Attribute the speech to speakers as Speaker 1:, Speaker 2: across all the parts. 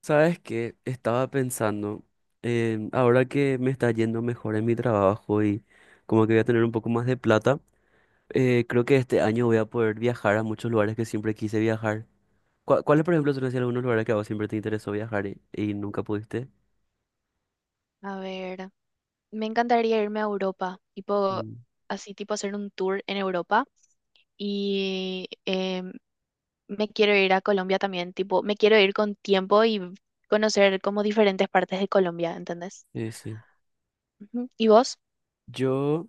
Speaker 1: Sabes que estaba pensando, ahora que me está yendo mejor en mi trabajo y como que voy a tener un poco más de plata, creo que este año voy a poder viajar a muchos lugares que siempre quise viajar. ¿Cuáles, por ejemplo, son así algunos lugares que a vos siempre te interesó viajar y nunca pudiste?
Speaker 2: A ver, me encantaría irme a Europa, tipo,
Speaker 1: Mm,
Speaker 2: así tipo hacer un tour en Europa y me quiero ir a Colombia también, tipo, me quiero ir con tiempo y conocer como diferentes partes de Colombia, ¿entendés?
Speaker 1: sí, sí.
Speaker 2: Ujú. ¿Y vos?
Speaker 1: Yo,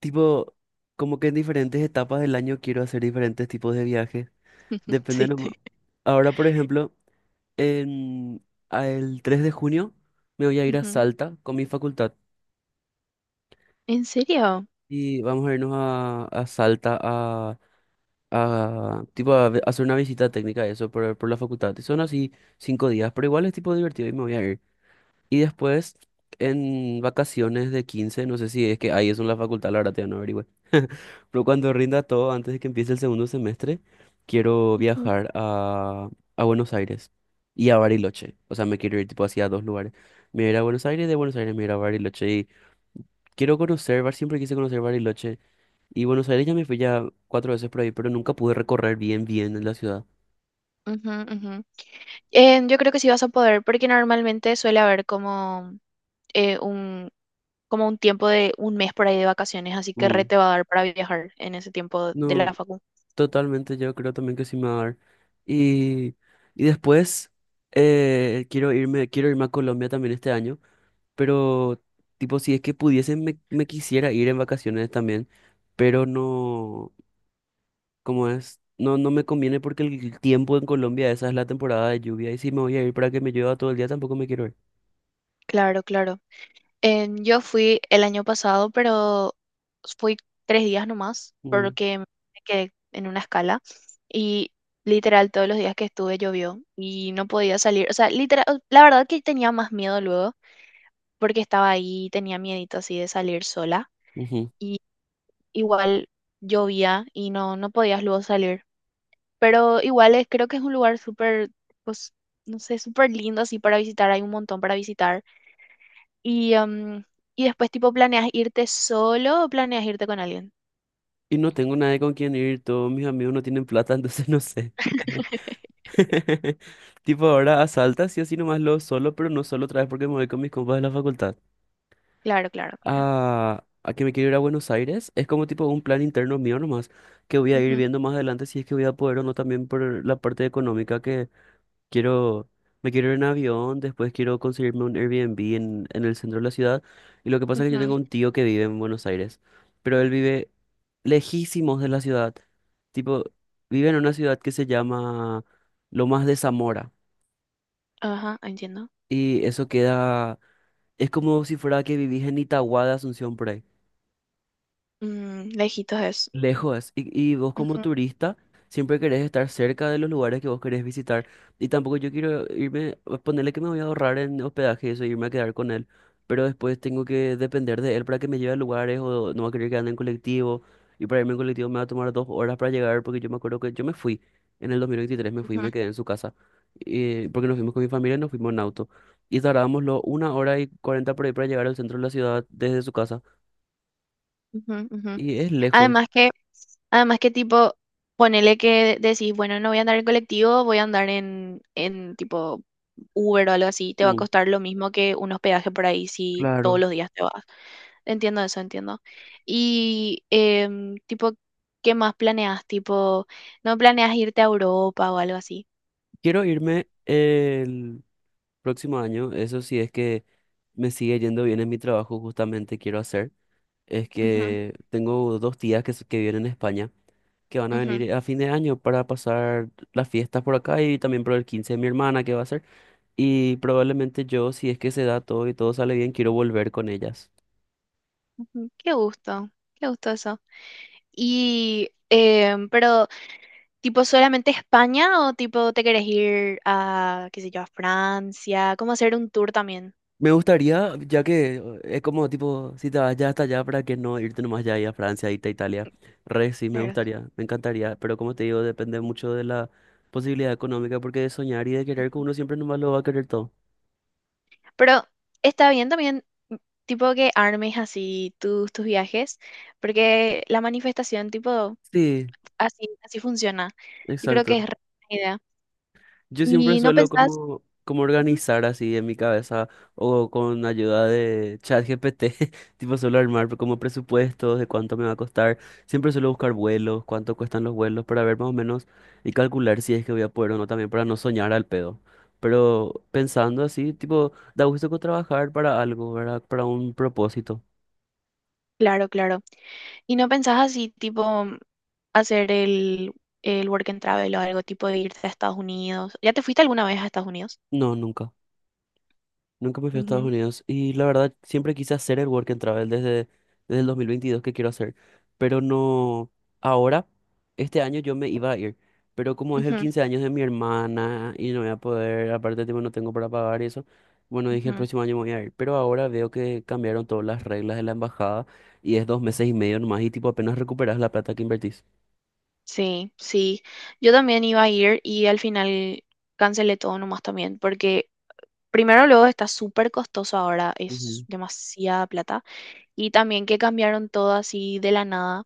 Speaker 1: tipo, como que en diferentes etapas del año quiero hacer diferentes tipos de viajes. Depende
Speaker 2: Sí,
Speaker 1: nomás.
Speaker 2: sí.
Speaker 1: Ahora, por ejemplo, en, el 3 de junio me voy a ir a
Speaker 2: Ujú.
Speaker 1: Salta con mi facultad.
Speaker 2: ¿En serio?
Speaker 1: Y vamos a irnos a Salta a tipo hacer una visita técnica, eso, por la facultad. Y son así 5 días, pero igual es tipo divertido y me voy a ir. Y después, en vacaciones de 15 no sé si es que ahí es en la facultad, la verdad, ya no averigüé. Pero cuando rinda todo, antes de que empiece el segundo semestre, quiero
Speaker 2: Ujú,
Speaker 1: viajar a Buenos Aires y a Bariloche. O sea, me quiero ir tipo hacia dos lugares. Me iré a Buenos Aires, de Buenos Aires me iré a Bariloche. Y quiero conocer, siempre quise conocer Bariloche. Y Buenos Aires ya me fui ya cuatro veces por ahí, pero nunca pude recorrer bien, bien en la ciudad.
Speaker 2: ujú, ujú. Yo creo que sí vas a poder, porque normalmente suele haber como un como un tiempo de un mes por ahí de vacaciones, así que re
Speaker 1: Mm.
Speaker 2: te va a dar para viajar en ese tiempo de
Speaker 1: No,
Speaker 2: la facu.
Speaker 1: totalmente, yo creo también que sí me va a dar. Y, y después quiero irme a Colombia también este año, pero tipo, si es que pudiesen me quisiera ir en vacaciones también, pero no, ¿como es? No, no me conviene porque el tiempo en Colombia, esa es la temporada de lluvia, y si me voy a ir para que me llueva todo el día, tampoco me quiero ir.
Speaker 2: Claro, claro. En- yo fui el año pasado, pero fui tres días nomás,
Speaker 1: Mm.
Speaker 2: porque me quedé en una escala y literal todos los días que estuve llovió y no podía salir. O sea, literal, la verdad que tenía más miedo luego, porque estaba ahí, tenía miedito así de salir sola
Speaker 1: Ujú.
Speaker 2: y igual llovía y no, no podías luego salir. Pero igual es, creo que es un lugar súper, pues, no sé, súper lindo así para visitar, hay un montón para visitar y, y después, tipo, ¿planeas irte solo o planeas irte con alguien?
Speaker 1: Y no tengo nadie con quien ir, todos mis amigos no tienen plata, entonces no sé. Tipo, ahora asaltas y así nomás lo solo, pero no solo otra vez porque me voy con mis compas de la facultad.
Speaker 2: Claro, claro, claro.
Speaker 1: A, que me quiero ir a Buenos Aires, es como tipo un plan interno mío nomás, que voy a ir
Speaker 2: Ujú,
Speaker 1: viendo más adelante si es que voy a poder o no también por la parte económica que. Quiero, me quiero ir en avión, después quiero conseguirme un Airbnb en el centro de la ciudad. Y lo que pasa es que yo tengo
Speaker 2: ujú.
Speaker 1: un tío que vive en Buenos Aires, pero él vive lejísimos de la ciudad. Tipo, vive en una ciudad que se llama Lomas de Zamora.
Speaker 2: Ajá, entiendo.
Speaker 1: Y eso queda, es como si fuera que vivís en Itagua de Asunción por ahí.
Speaker 2: Mm, lejitos es.
Speaker 1: Lejos, y vos como
Speaker 2: Ujú,
Speaker 1: turista siempre querés estar cerca de los lugares que vos querés visitar. Y tampoco yo quiero irme, ponerle que me voy a ahorrar en hospedaje y eso, irme a quedar con él. Pero después tengo que depender de él para que me lleve a lugares o no va a querer que ande en colectivo. Y para irme en colectivo me va a tomar 2 horas para llegar porque yo me acuerdo que yo me fui en el 2023 me fui y me quedé en su casa. Porque nos fuimos con mi familia y nos fuimos en auto. Y tardábamos una hora y cuarenta por ahí para llegar al centro de la ciudad desde su casa.
Speaker 2: ujú, ujú, ujú.
Speaker 1: Y es lejos.
Speaker 2: Además que, además que tipo, ponele que decís, bueno, no voy a andar en colectivo, voy a andar en tipo Uber o algo así, te va a
Speaker 1: Mm,
Speaker 2: costar lo mismo que un hospedaje por ahí si todos
Speaker 1: claro.
Speaker 2: los días te vas. Entiendo eso, entiendo. Y tipo, ¿qué más planeas? Tipo, ¿no planeas irte a Europa o algo así?
Speaker 1: Quiero irme el próximo año, eso sí es que me sigue yendo bien en mi trabajo, justamente quiero hacer, es
Speaker 2: Ujú,
Speaker 1: que tengo dos tías que viven en España, que van a
Speaker 2: ujú,
Speaker 1: venir a fin de año para pasar las fiestas por acá y también por el 15 de mi hermana que va a ser, y probablemente yo, si es que se da todo y todo sale bien, quiero volver con ellas.
Speaker 2: ujú. Qué gusto eso. Y, pero, tipo, ¿solamente España o tipo te querés ir a, qué sé yo, a Francia? ¿Cómo hacer un tour también?
Speaker 1: Me gustaría, ya que es como tipo, si te vas ya hasta allá, ¿para que no irte nomás ya ahí a Francia, irte a Italia? Re, sí, me
Speaker 2: Claro.
Speaker 1: gustaría, me encantaría, pero como te digo, depende mucho de la posibilidad económica, porque de soñar y de querer que uno siempre nomás lo va a querer todo.
Speaker 2: Pero está bien también, mm, tipo, que armes así tus, tus viajes, porque la manifestación, tipo...
Speaker 1: Sí,
Speaker 2: Así, así funciona. Yo creo que
Speaker 1: exacto.
Speaker 2: es re buena idea.
Speaker 1: Yo siempre
Speaker 2: Y no
Speaker 1: suelo
Speaker 2: pensás,
Speaker 1: como
Speaker 2: ujú,
Speaker 1: organizar así en mi cabeza o con ayuda de ChatGPT, tipo suelo armar como presupuestos de cuánto me va a costar. Siempre suelo buscar vuelos, cuánto cuestan los vuelos para ver más o menos y calcular si es que voy a poder o no también para no soñar al pedo. Pero pensando así, tipo, da gusto trabajar para algo, ¿verdad? Para un propósito.
Speaker 2: claro, claro. Y no pensás así, tipo, mm, hacer el work and travel o algo tipo de irte a Estados Unidos. ¿Ya te fuiste alguna vez a Estados Unidos?
Speaker 1: No, nunca. Nunca me fui a Estados
Speaker 2: Ujú.
Speaker 1: Unidos y la verdad siempre quise hacer el Work and Travel desde el 2022 que quiero hacer, pero no ahora, este año yo me iba a ir, pero como es el
Speaker 2: Ujú,
Speaker 1: 15 años de mi hermana y no voy a poder, aparte tipo no tengo para pagar y eso, bueno dije el
Speaker 2: ujú.
Speaker 1: próximo año me voy a ir, pero ahora veo que cambiaron todas las reglas de la embajada y es 2 meses y medio nomás y tipo apenas recuperas la plata que invertís.
Speaker 2: Sí, sí. Yo también iba a ir y al final cancelé todo nomás también, porque primero luego está súper costoso ahora, es
Speaker 1: Ujú,
Speaker 2: demasiada plata. Y también que cambiaron todo así de la nada.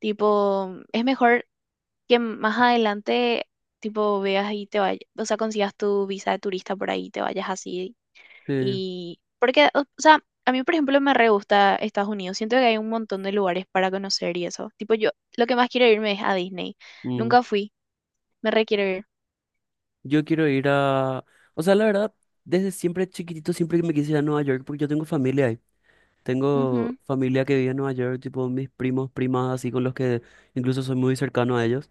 Speaker 2: Tipo, es mejor que más adelante, tipo, veas y te vayas, o sea, consigas tu visa de turista por ahí, y te vayas así.
Speaker 1: sí,
Speaker 2: Y porque, o sea, a mí, por ejemplo, me re gusta Estados Unidos. Siento que hay un montón de lugares para conocer y eso. Tipo, yo lo que más quiero irme es a Disney.
Speaker 1: mm.
Speaker 2: Nunca fui, me re quiero ir.
Speaker 1: Yo quiero ir a. O sea, la verdad, desde siempre chiquitito siempre que me quise ir a Nueva York porque yo tengo familia ahí. Tengo
Speaker 2: Ujú,
Speaker 1: familia que vive en Nueva York, tipo mis primos, primas, así con los que incluso soy muy cercano a ellos.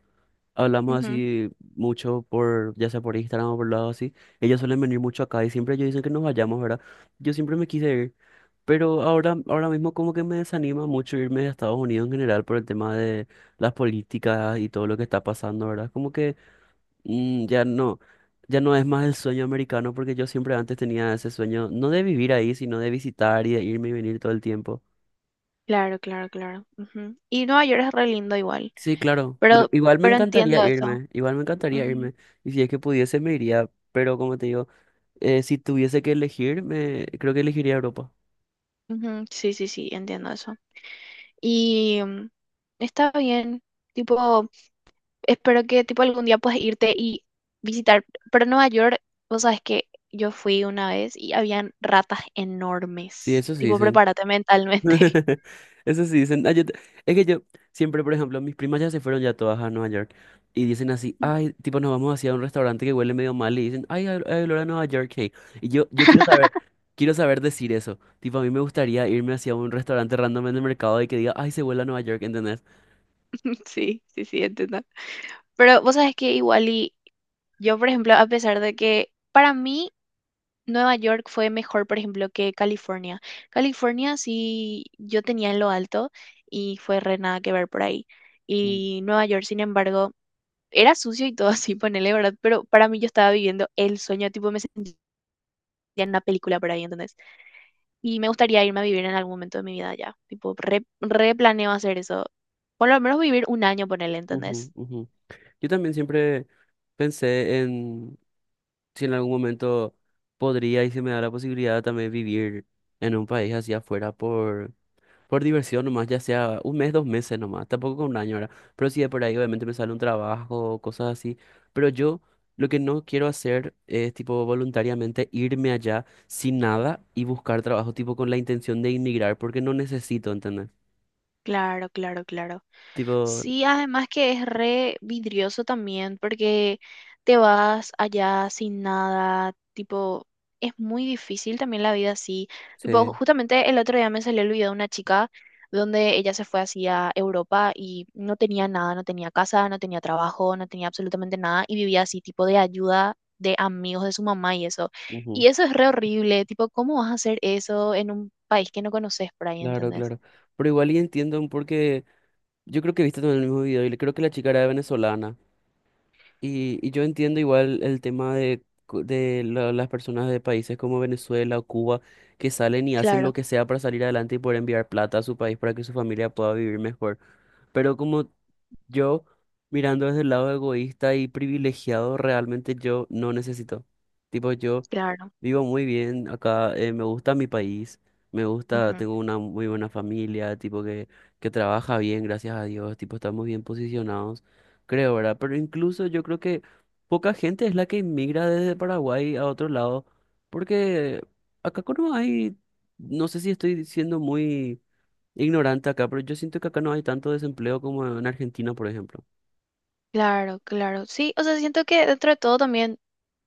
Speaker 1: Hablamos
Speaker 2: ujú.
Speaker 1: así mucho por, ya sea por Instagram o por lado así. Ellos suelen venir mucho acá y siempre ellos dicen que nos vayamos, ¿verdad? Yo siempre me quise ir, pero ahora mismo como que me desanima mucho irme a Estados Unidos en general por el tema de las políticas y todo lo que está pasando, ¿verdad? Como que ya no. Ya no es más el sueño americano porque yo siempre antes tenía ese sueño, no de vivir ahí, sino de visitar y de irme y venir todo el tiempo.
Speaker 2: Claro, claro, claro. Ujú. Y Nueva York es re lindo igual,
Speaker 1: Sí, claro.
Speaker 2: pero,
Speaker 1: Igual me
Speaker 2: pero
Speaker 1: encantaría
Speaker 2: entiendo eso.
Speaker 1: irme, igual me encantaría irme. Y si es que pudiese, me iría. Pero como te digo, si tuviese que elegir, creo que elegiría Europa.
Speaker 2: Ujú, ujú, sí, sí, sí, entiendo eso. Y mm, está bien, tipo... espero que tipo algún día puedas irte y visitar. Pero Nueva York, vos sabes que yo fui una vez y habían ratas
Speaker 1: Sí,
Speaker 2: enormes.
Speaker 1: eso sí
Speaker 2: Tipo,
Speaker 1: dicen.
Speaker 2: prepárate mentalmente.
Speaker 1: Eso sí dicen. Ah, es que yo siempre, por ejemplo, mis primas ya se fueron ya todas a Nueva York. Y dicen así, ay, tipo, nos vamos hacia un restaurante que huele medio mal. Y dicen, ay, hay olor a Nueva York, hey. Y yo quiero saber decir eso. Tipo, a mí me gustaría irme hacia un restaurante random en el mercado y que diga, ay, se huele a Nueva York, ¿entendés?
Speaker 2: Sí, sí, sí, entiendo. Pero vos sabes que igual y yo, por ejemplo, a pesar de que para mí Nueva York fue mejor, por ejemplo, que California. California sí yo tenía en lo alto y fue re nada que ver por ahí.
Speaker 1: Mm,
Speaker 2: Y Nueva York, sin embargo, era sucio y todo así, ponele, ¿verdad? Pero para mí yo estaba viviendo el sueño, tipo, me sentía en una película por ahí, ¿entendés? Y me gustaría irme a vivir en algún momento de mi vida ya, tipo, re, replaneo hacer eso. Por lo menos vivir un año, ponele,
Speaker 1: ujú,
Speaker 2: ¿entendés?
Speaker 1: ujú. Yo también siempre pensé en si en algún momento podría y se me da la posibilidad también vivir en un país hacia afuera por diversión nomás, ya sea un mes, 2 meses nomás, tampoco con un año ahora, pero sí de por ahí obviamente me sale un trabajo, cosas así, pero yo lo que no quiero hacer es tipo voluntariamente irme allá sin nada y buscar trabajo tipo con la intención de inmigrar porque no necesito, ¿entendés?
Speaker 2: Claro, claro, claro.
Speaker 1: Tipo,
Speaker 2: Sí, además que es re vidrioso también porque te vas allá sin nada, tipo, es muy difícil también la vida así. Tipo,
Speaker 1: sí,
Speaker 2: justamente el otro día me salió el video de una chica donde ella se fue hacia Europa y no tenía nada, no tenía casa, no tenía trabajo, no tenía absolutamente nada y vivía así, tipo de ayuda de amigos de su mamá y eso.
Speaker 1: ujú,
Speaker 2: Y eso es re horrible, tipo, ¿cómo vas a hacer eso en un país que no conoces por ahí,
Speaker 1: claro,
Speaker 2: ¿entendés?
Speaker 1: claro. Pero igual y entiendo porque yo creo que viste también el mismo video y le creo que la chica era venezolana. Y yo entiendo igual el tema de las personas de países como Venezuela o Cuba que salen y hacen lo
Speaker 2: Claro,
Speaker 1: que sea para salir adelante y poder enviar plata a su país para que su familia pueda vivir mejor. Pero como yo, mirando desde el lado egoísta y privilegiado, realmente yo no necesito. Tipo, yo.
Speaker 2: claro.
Speaker 1: Vivo muy bien acá, me gusta mi país, me gusta,
Speaker 2: Ujú.
Speaker 1: tengo una muy buena familia, tipo que trabaja bien, gracias a Dios, tipo estamos bien posicionados, creo, ¿verdad? Pero incluso yo creo que poca gente es la que inmigra desde Paraguay a otro lado, porque acá no hay, no sé si estoy siendo muy ignorante acá, pero yo siento que acá no hay tanto desempleo como en Argentina, por ejemplo.
Speaker 2: Claro, claro. Sí, o sea, siento que dentro de todo también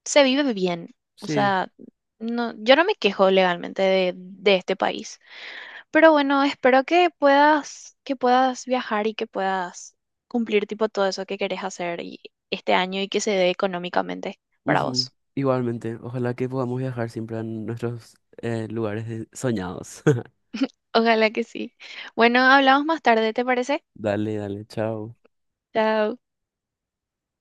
Speaker 2: se vive bien. O
Speaker 1: Sí.
Speaker 2: sea, no, yo no me quejo legalmente de este país. Pero bueno, espero que puedas viajar y que puedas cumplir tipo todo eso que querés hacer y- este año y que se dé económicamente para
Speaker 1: Ujú.
Speaker 2: vos.
Speaker 1: Igualmente, ojalá que podamos viajar siempre a nuestros lugares soñados.
Speaker 2: Ojalá que sí. Bueno, hablamos más tarde, ¿te parece?
Speaker 1: Dale, dale, chao.
Speaker 2: Chao.